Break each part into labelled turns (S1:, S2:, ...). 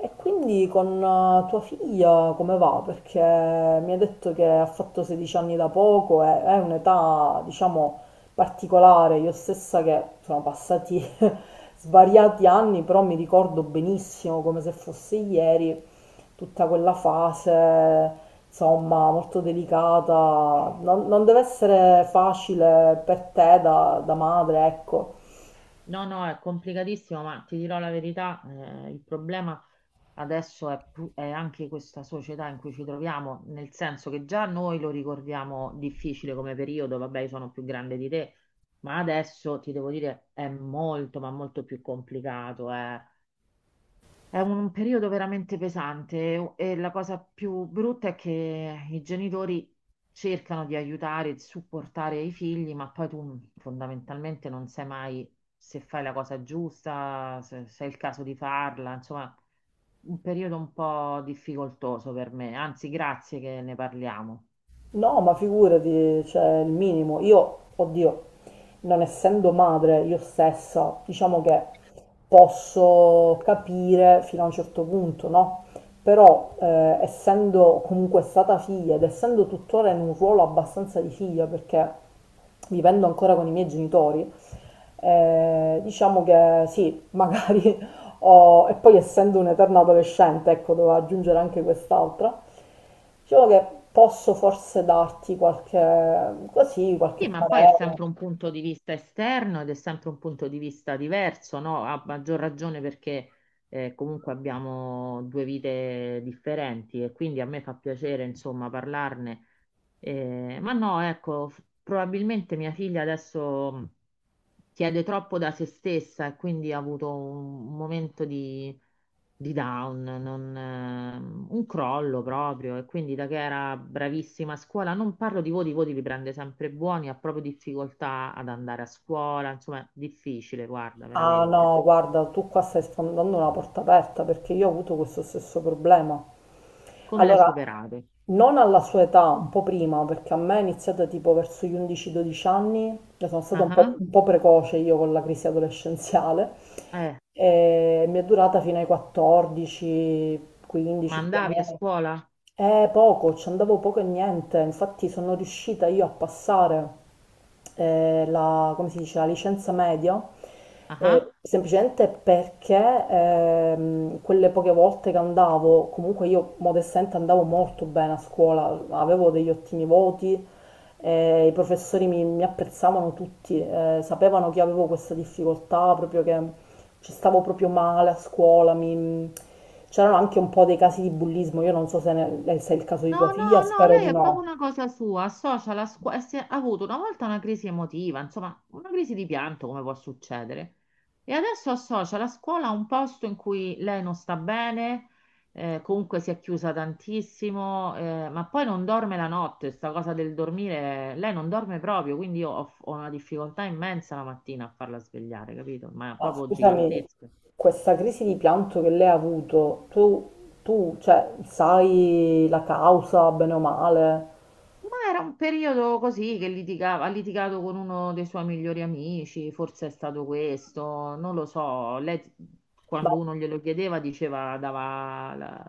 S1: E quindi con tua figlia come va? Perché mi ha detto che ha fatto 16 anni da poco, è un'età, diciamo, particolare. Io stessa che sono passati svariati anni, però mi ricordo benissimo, come se fosse ieri, tutta quella fase, insomma, molto delicata. Non deve essere facile per te da madre, ecco.
S2: No, no, è complicatissimo, ma ti dirò la verità, il problema adesso è anche questa società in cui ci troviamo, nel senso che già noi lo ricordiamo difficile come periodo, vabbè, io sono più grande di te, ma adesso ti devo dire è molto, ma molto più complicato, eh. È un periodo veramente pesante e la cosa più brutta è che i genitori cercano di aiutare e di supportare i figli, ma poi tu fondamentalmente non sai mai se fai la cosa giusta, se è il caso di farla, insomma, un periodo un po' difficoltoso per me. Anzi, grazie che ne parliamo.
S1: No, ma figurati, cioè il minimo. Io, oddio, non essendo madre io stessa, diciamo che posso capire fino a un certo punto, no? Però, essendo comunque stata figlia ed essendo tuttora in un ruolo abbastanza di figlia, perché vivendo ancora con i miei genitori, diciamo che sì, magari ho, e poi essendo un'eterna adolescente, ecco, devo aggiungere anche quest'altra. Diciamo che posso forse darti qualche, così, qualche
S2: Sì, ma poi è
S1: parere.
S2: sempre un punto di vista esterno ed è sempre un punto di vista diverso, no? A maggior ragione perché comunque abbiamo due vite differenti e quindi a me fa piacere, insomma, parlarne, ma no, ecco, probabilmente mia figlia adesso chiede troppo da se stessa e quindi ha avuto un momento di down, non, un crollo proprio. E quindi da che era bravissima a scuola, non parlo di voti, i voti li prende sempre buoni, ha proprio difficoltà ad andare a scuola, insomma, è difficile, guarda,
S1: Ah
S2: veramente.
S1: no, guarda, tu qua stai sfondando una porta aperta perché io ho avuto questo stesso problema.
S2: Come l'hai
S1: Allora,
S2: superato?
S1: non alla sua età, un po' prima, perché a me è iniziata tipo verso gli 11-12 anni, io sono stata
S2: Ah
S1: un po',
S2: ah.
S1: un po' precoce io con la crisi adolescenziale,
S2: Eh,
S1: e mi è durata fino ai
S2: ma
S1: 14-15 più o
S2: andavi a
S1: meno.
S2: scuola?
S1: Poco, ci andavo poco e niente, infatti sono riuscita io a passare la, come si dice, la licenza media,
S2: Ah ah.
S1: semplicemente perché quelle poche volte che andavo, comunque io modestamente andavo molto bene a scuola, avevo degli ottimi voti, i professori mi apprezzavano tutti, sapevano che avevo questa difficoltà, proprio che ci stavo proprio male a scuola. Mi C'erano anche un po' dei casi di bullismo, io non so se, se è il caso di tua
S2: No,
S1: figlia,
S2: no, no,
S1: spero
S2: lei
S1: di
S2: è proprio
S1: no.
S2: una cosa sua, associa la scuola, ha avuto una volta una crisi emotiva, insomma, una crisi di pianto, come può succedere. E adesso associa la scuola a un posto in cui lei non sta bene, comunque si è chiusa tantissimo, ma poi non dorme la notte, sta cosa del dormire, lei non dorme proprio, quindi io ho una difficoltà immensa la mattina a farla svegliare, capito? Ma
S1: Ma
S2: proprio
S1: scusami,
S2: gigantesca.
S1: questa crisi di pianto che lei ha avuto, cioè, sai la causa, bene o male?
S2: Ma era un periodo così che litigava, ha litigato con uno dei suoi migliori amici, forse è stato questo, non lo so. Lei
S1: Ma,
S2: quando uno glielo chiedeva diceva, dava la,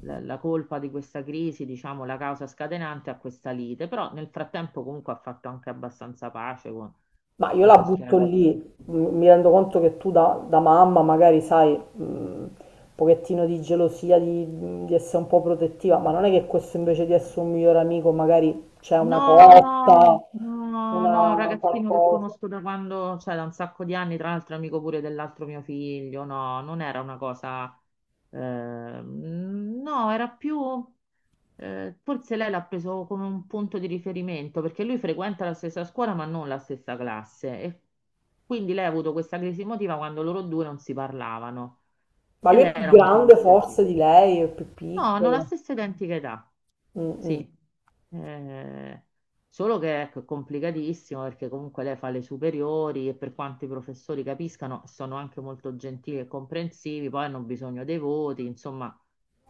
S2: la- la colpa di questa crisi, diciamo la causa scatenante a questa lite, però nel frattempo comunque ha fatto anche abbastanza pace con,
S1: ma io
S2: con
S1: la
S2: questi
S1: butto lì,
S2: ragazzi.
S1: mi rendo conto che tu da mamma magari sai un pochettino di gelosia, di essere un po' protettiva, ma non è che questo invece di essere un migliore amico magari c'è una
S2: No,
S1: cotta,
S2: no, no, no, è un
S1: una
S2: ragazzino che
S1: qualcosa.
S2: conosco da quando, cioè da un sacco di anni, tra l'altro è amico pure dell'altro mio figlio, no, non era una cosa, no, era più, forse lei l'ha preso come un punto di riferimento, perché lui frequenta la stessa scuola ma non la stessa classe, e quindi lei ha avuto questa crisi emotiva quando loro due non si parlavano,
S1: Ma
S2: e
S1: lui è
S2: lei
S1: più
S2: era molto
S1: grande forse
S2: dispiaciuta.
S1: di lei, è più
S2: No, hanno la
S1: piccolo.
S2: stessa identica età,
S1: Mm, mm.
S2: sì. Eh, solo che ecco, è complicatissimo perché comunque lei fa le superiori e per quanto i professori capiscano sono anche molto gentili e comprensivi, poi hanno bisogno dei voti, insomma,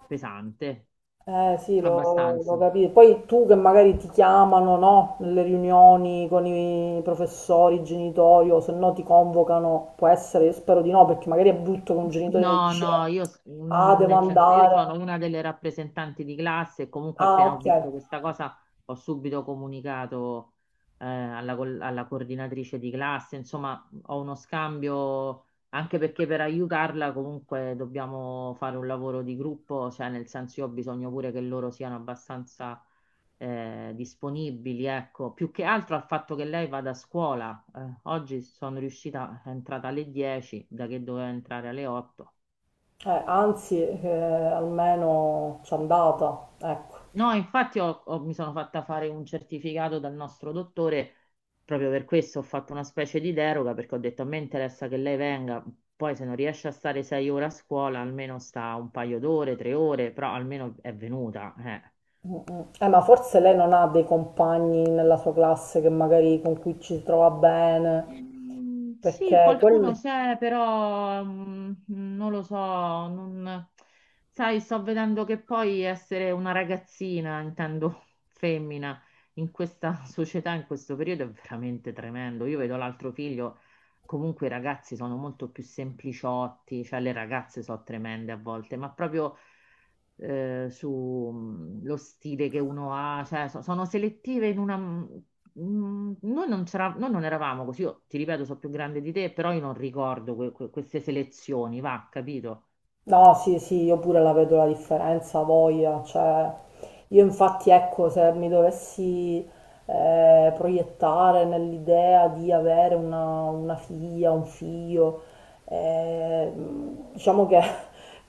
S2: pesante,
S1: Eh sì, lo
S2: abbastanza.
S1: capisco. Poi tu che magari ti chiamano, no? Nelle riunioni con i professori, i genitori, o se no ti convocano, può essere, io spero di no, perché magari è brutto che un genitore
S2: No,
S1: dice,
S2: no, io
S1: ah, devo
S2: nel senso io
S1: andare.
S2: sono una delle rappresentanti di classe e comunque
S1: Ah,
S2: appena ho
S1: ok.
S2: visto questa cosa ho subito comunicato alla coordinatrice di classe, insomma ho uno scambio anche perché per aiutarla comunque dobbiamo fare un lavoro di gruppo, cioè nel senso io ho bisogno pure che loro siano abbastanza disponibili, ecco, più che altro al fatto che lei vada a scuola. Oggi sono riuscita, è entrata alle 10, da che doveva entrare alle 8.
S1: Anzi, almeno c'è andata, ecco.
S2: No, infatti mi sono fatta fare un certificato dal nostro dottore, proprio per questo ho fatto una specie di deroga, perché ho detto a me interessa che lei venga, poi se non riesce a stare 6 ore a scuola, almeno sta un paio d'ore, 3 ore, però almeno è venuta. Eh.
S1: Ma forse lei non ha dei compagni nella sua classe che magari con cui ci si trova bene.
S2: Mm, sì,
S1: Perché
S2: qualcuno
S1: quel...
S2: c'è, però non lo so, sai, sto vedendo che poi essere una ragazzina, intendo femmina, in questa società, in questo periodo è veramente tremendo. Io vedo l'altro figlio, comunque i ragazzi sono molto più sempliciotti, cioè le ragazze sono tremende a volte, ma proprio su lo stile che uno ha, cioè sono selettive in una. Mm, noi non eravamo così, io ti ripeto, sono più grande di te, però io non ricordo queste selezioni, va, capito?
S1: No, sì, sì, io pure la vedo la differenza, voglia, cioè io infatti ecco, se mi dovessi proiettare nell'idea di avere una figlia, un figlio, eh, diciamo che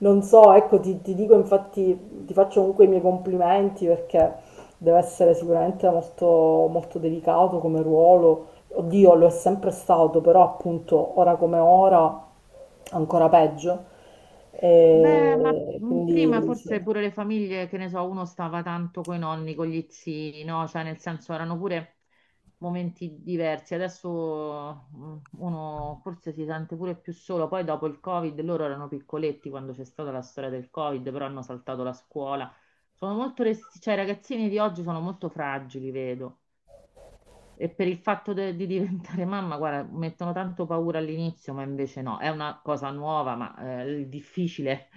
S1: non so, ecco, ti dico infatti, ti faccio comunque i miei complimenti perché deve essere sicuramente molto, molto delicato come ruolo. Oddio, lo è sempre stato, però appunto ora come ora ancora peggio.
S2: Beh, ma
S1: E
S2: prima
S1: quindi sì.
S2: forse pure le famiglie, che ne so, uno stava tanto coi nonni, con gli zii, no? Cioè, nel senso, erano pure momenti diversi. Adesso uno forse si sente pure più solo. Poi dopo il Covid, loro erano piccoletti quando c'è stata la storia del Covid, però hanno saltato la scuola. Sono molto, cioè, i ragazzini di oggi sono molto fragili, vedo. E per il fatto di diventare mamma, guarda, mettono tanto paura all'inizio, ma invece no, è una cosa nuova, ma il difficile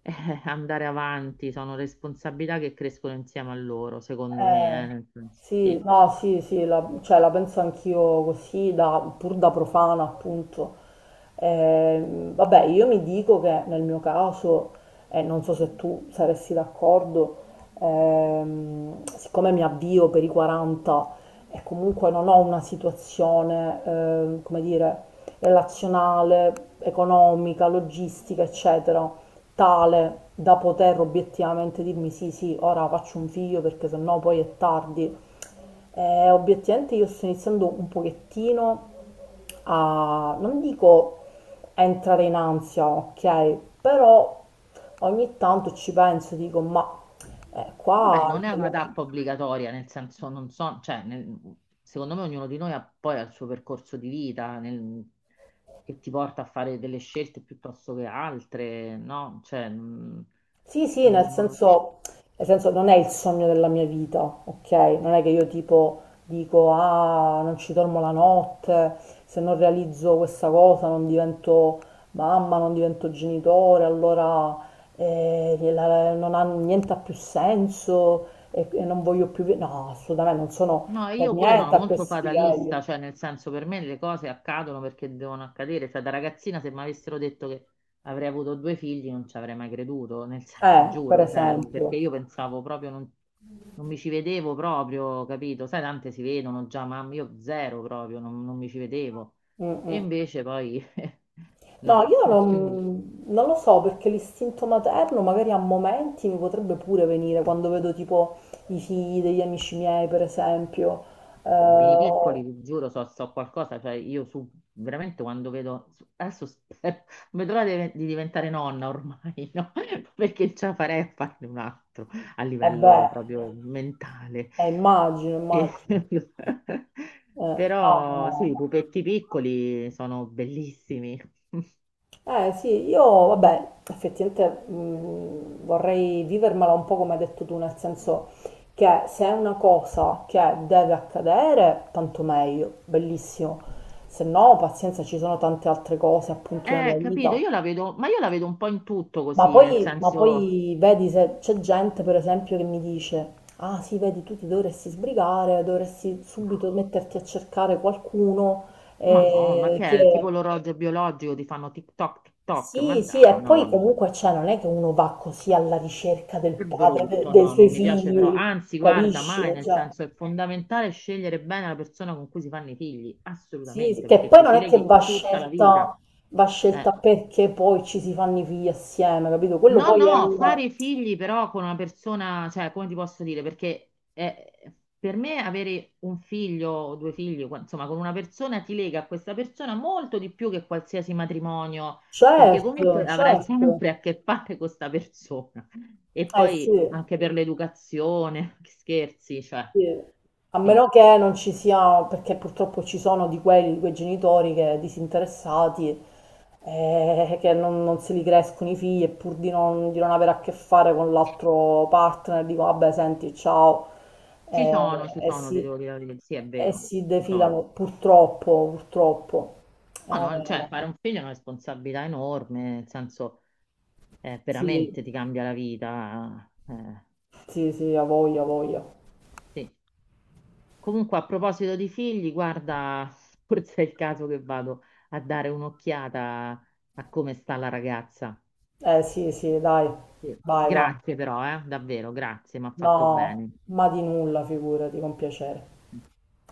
S2: è andare avanti, sono responsabilità che crescono insieme a loro, secondo
S1: Eh,
S2: me, nel senso,
S1: sì,
S2: sì.
S1: no, sì, sì, la, cioè, la penso anch'io così, pur da profana, appunto. Vabbè, io mi dico che nel mio caso, e non so se tu saresti d'accordo, siccome mi avvio per i 40 e comunque non ho una situazione, come dire, relazionale, economica, logistica, eccetera, tale da poter obiettivamente dirmi sì, sì, ora faccio un figlio perché sennò poi è tardi. Obiettivamente io sto iniziando un pochettino a, non dico a entrare in ansia, ok, però ogni tanto ci penso, dico, ma
S2: Vabbè,
S1: qua...
S2: non è una tappa obbligatoria, nel senso, non so, cioè, secondo me ognuno di noi ha poi il suo percorso di vita che ti porta a fare delle scelte piuttosto che altre, no? Cioè,
S1: Sì, sì,
S2: non lo so.
S1: nel senso non è il sogno della mia vita, ok? Non è che io tipo dico, ah, non ci dormo la notte, se non realizzo questa cosa non divento mamma, non divento genitore, allora non ha niente ha più senso e non voglio più... vi-". No, assolutamente, non sono
S2: No,
S1: per
S2: io pure sono
S1: niente a
S2: molto
S1: questi livelli.
S2: fatalista, cioè nel senso per me le cose accadono perché devono accadere, cioè da ragazzina se mi avessero detto che avrei avuto due figli non ci avrei mai creduto, nel senso, ti
S1: Per
S2: giuro, cioè, perché
S1: esempio.
S2: io pensavo proprio, non mi ci vedevo proprio, capito? Sai, tante si vedono già, ma io zero proprio, non mi ci vedevo.
S1: Mm,
S2: E
S1: mm.
S2: invece poi
S1: No,
S2: no,
S1: io
S2: quindi
S1: non lo so perché l'istinto materno magari a momenti mi potrebbe pure venire quando vedo tipo i figli degli amici miei, per esempio.
S2: beh, bambini
S1: Eh,
S2: piccoli, vi giuro, so qualcosa, cioè io su, veramente quando vedo, adesso spero, non vedo l'ora di diventare nonna ormai, no? Perché ce la farei a farne un altro a
S1: e beh,
S2: livello proprio mentale.
S1: immagino,
S2: E-
S1: immagino. Eh, no, no.
S2: Però sì, i
S1: No.
S2: pupetti piccoli sono bellissimi.
S1: Eh sì, io vabbè, effettivamente vorrei vivermela un po' come hai detto tu, nel senso che se è una cosa che deve accadere, tanto meglio, bellissimo. Se no, pazienza, ci sono tante altre cose appunto nella
S2: Capito,
S1: vita.
S2: io la vedo, ma io la vedo un po' in tutto
S1: Ma
S2: così, nel
S1: poi, ma
S2: senso,
S1: poi vedi se c'è gente, per esempio, che mi dice, ah sì, vedi, tu ti dovresti sbrigare, dovresti
S2: no,
S1: subito metterti a cercare qualcuno,
S2: Madonna, ma che è?
S1: che
S2: Tipo l'orologio biologico, ti fanno TikTok, TikTok, ma
S1: sì, sì,
S2: dai,
S1: e
S2: no,
S1: poi
S2: no.
S1: comunque cioè, non è che uno va così alla ricerca del
S2: Che
S1: padre,
S2: brutto,
S1: dei
S2: no,
S1: suoi
S2: non mi piace però,
S1: figli,
S2: anzi, guarda,
S1: capisci?
S2: mai, nel
S1: Cioè,
S2: senso è fondamentale scegliere bene la persona con cui si fanno i figli,
S1: sì, sì,
S2: assolutamente,
S1: che
S2: perché
S1: poi
S2: ti
S1: non
S2: ci
S1: è che
S2: leghi tutta la vita.
S1: va scelta
S2: Eh.
S1: perché poi ci si fanno i figli assieme, capito? Quello
S2: No,
S1: poi è
S2: no,
S1: un...
S2: fare figli però con una persona, cioè, come ti posso dire? Perché per me avere un figlio o due figli, insomma, con una persona ti lega a questa persona molto di più che qualsiasi matrimonio, perché
S1: Certo,
S2: comunque avrai
S1: certo.
S2: sempre a che fare con questa persona. E
S1: Eh
S2: poi
S1: sì,
S2: anche per l'educazione, che scherzi, cioè,
S1: sì. A
S2: sì.
S1: meno che non ci sia, perché purtroppo ci sono di quelli, di quei genitori che disinteressati, che non se li crescono i figli e pur di non avere a che fare con l'altro partner, dico vabbè, senti, ciao,
S2: Ci
S1: eh, e
S2: sono, ti
S1: si,
S2: devo dire la verità. Sì, è
S1: e
S2: vero,
S1: si
S2: ci sono.
S1: defilano, purtroppo, purtroppo.
S2: No, no, cioè,
S1: Vabbè.
S2: fare un figlio è una responsabilità enorme, nel senso
S1: Sì,
S2: veramente ti cambia la vita. Eh,
S1: sì, sì, a voglia, a voglia.
S2: sì. Comunque, a proposito di figli, guarda, forse è il caso che vado a dare un'occhiata a come sta la ragazza.
S1: Eh sì, sì, dai,
S2: Sì.
S1: vai, vai.
S2: Grazie però, davvero, grazie, mi ha fatto
S1: No,
S2: bene.
S1: ma di nulla, figurati, con piacere.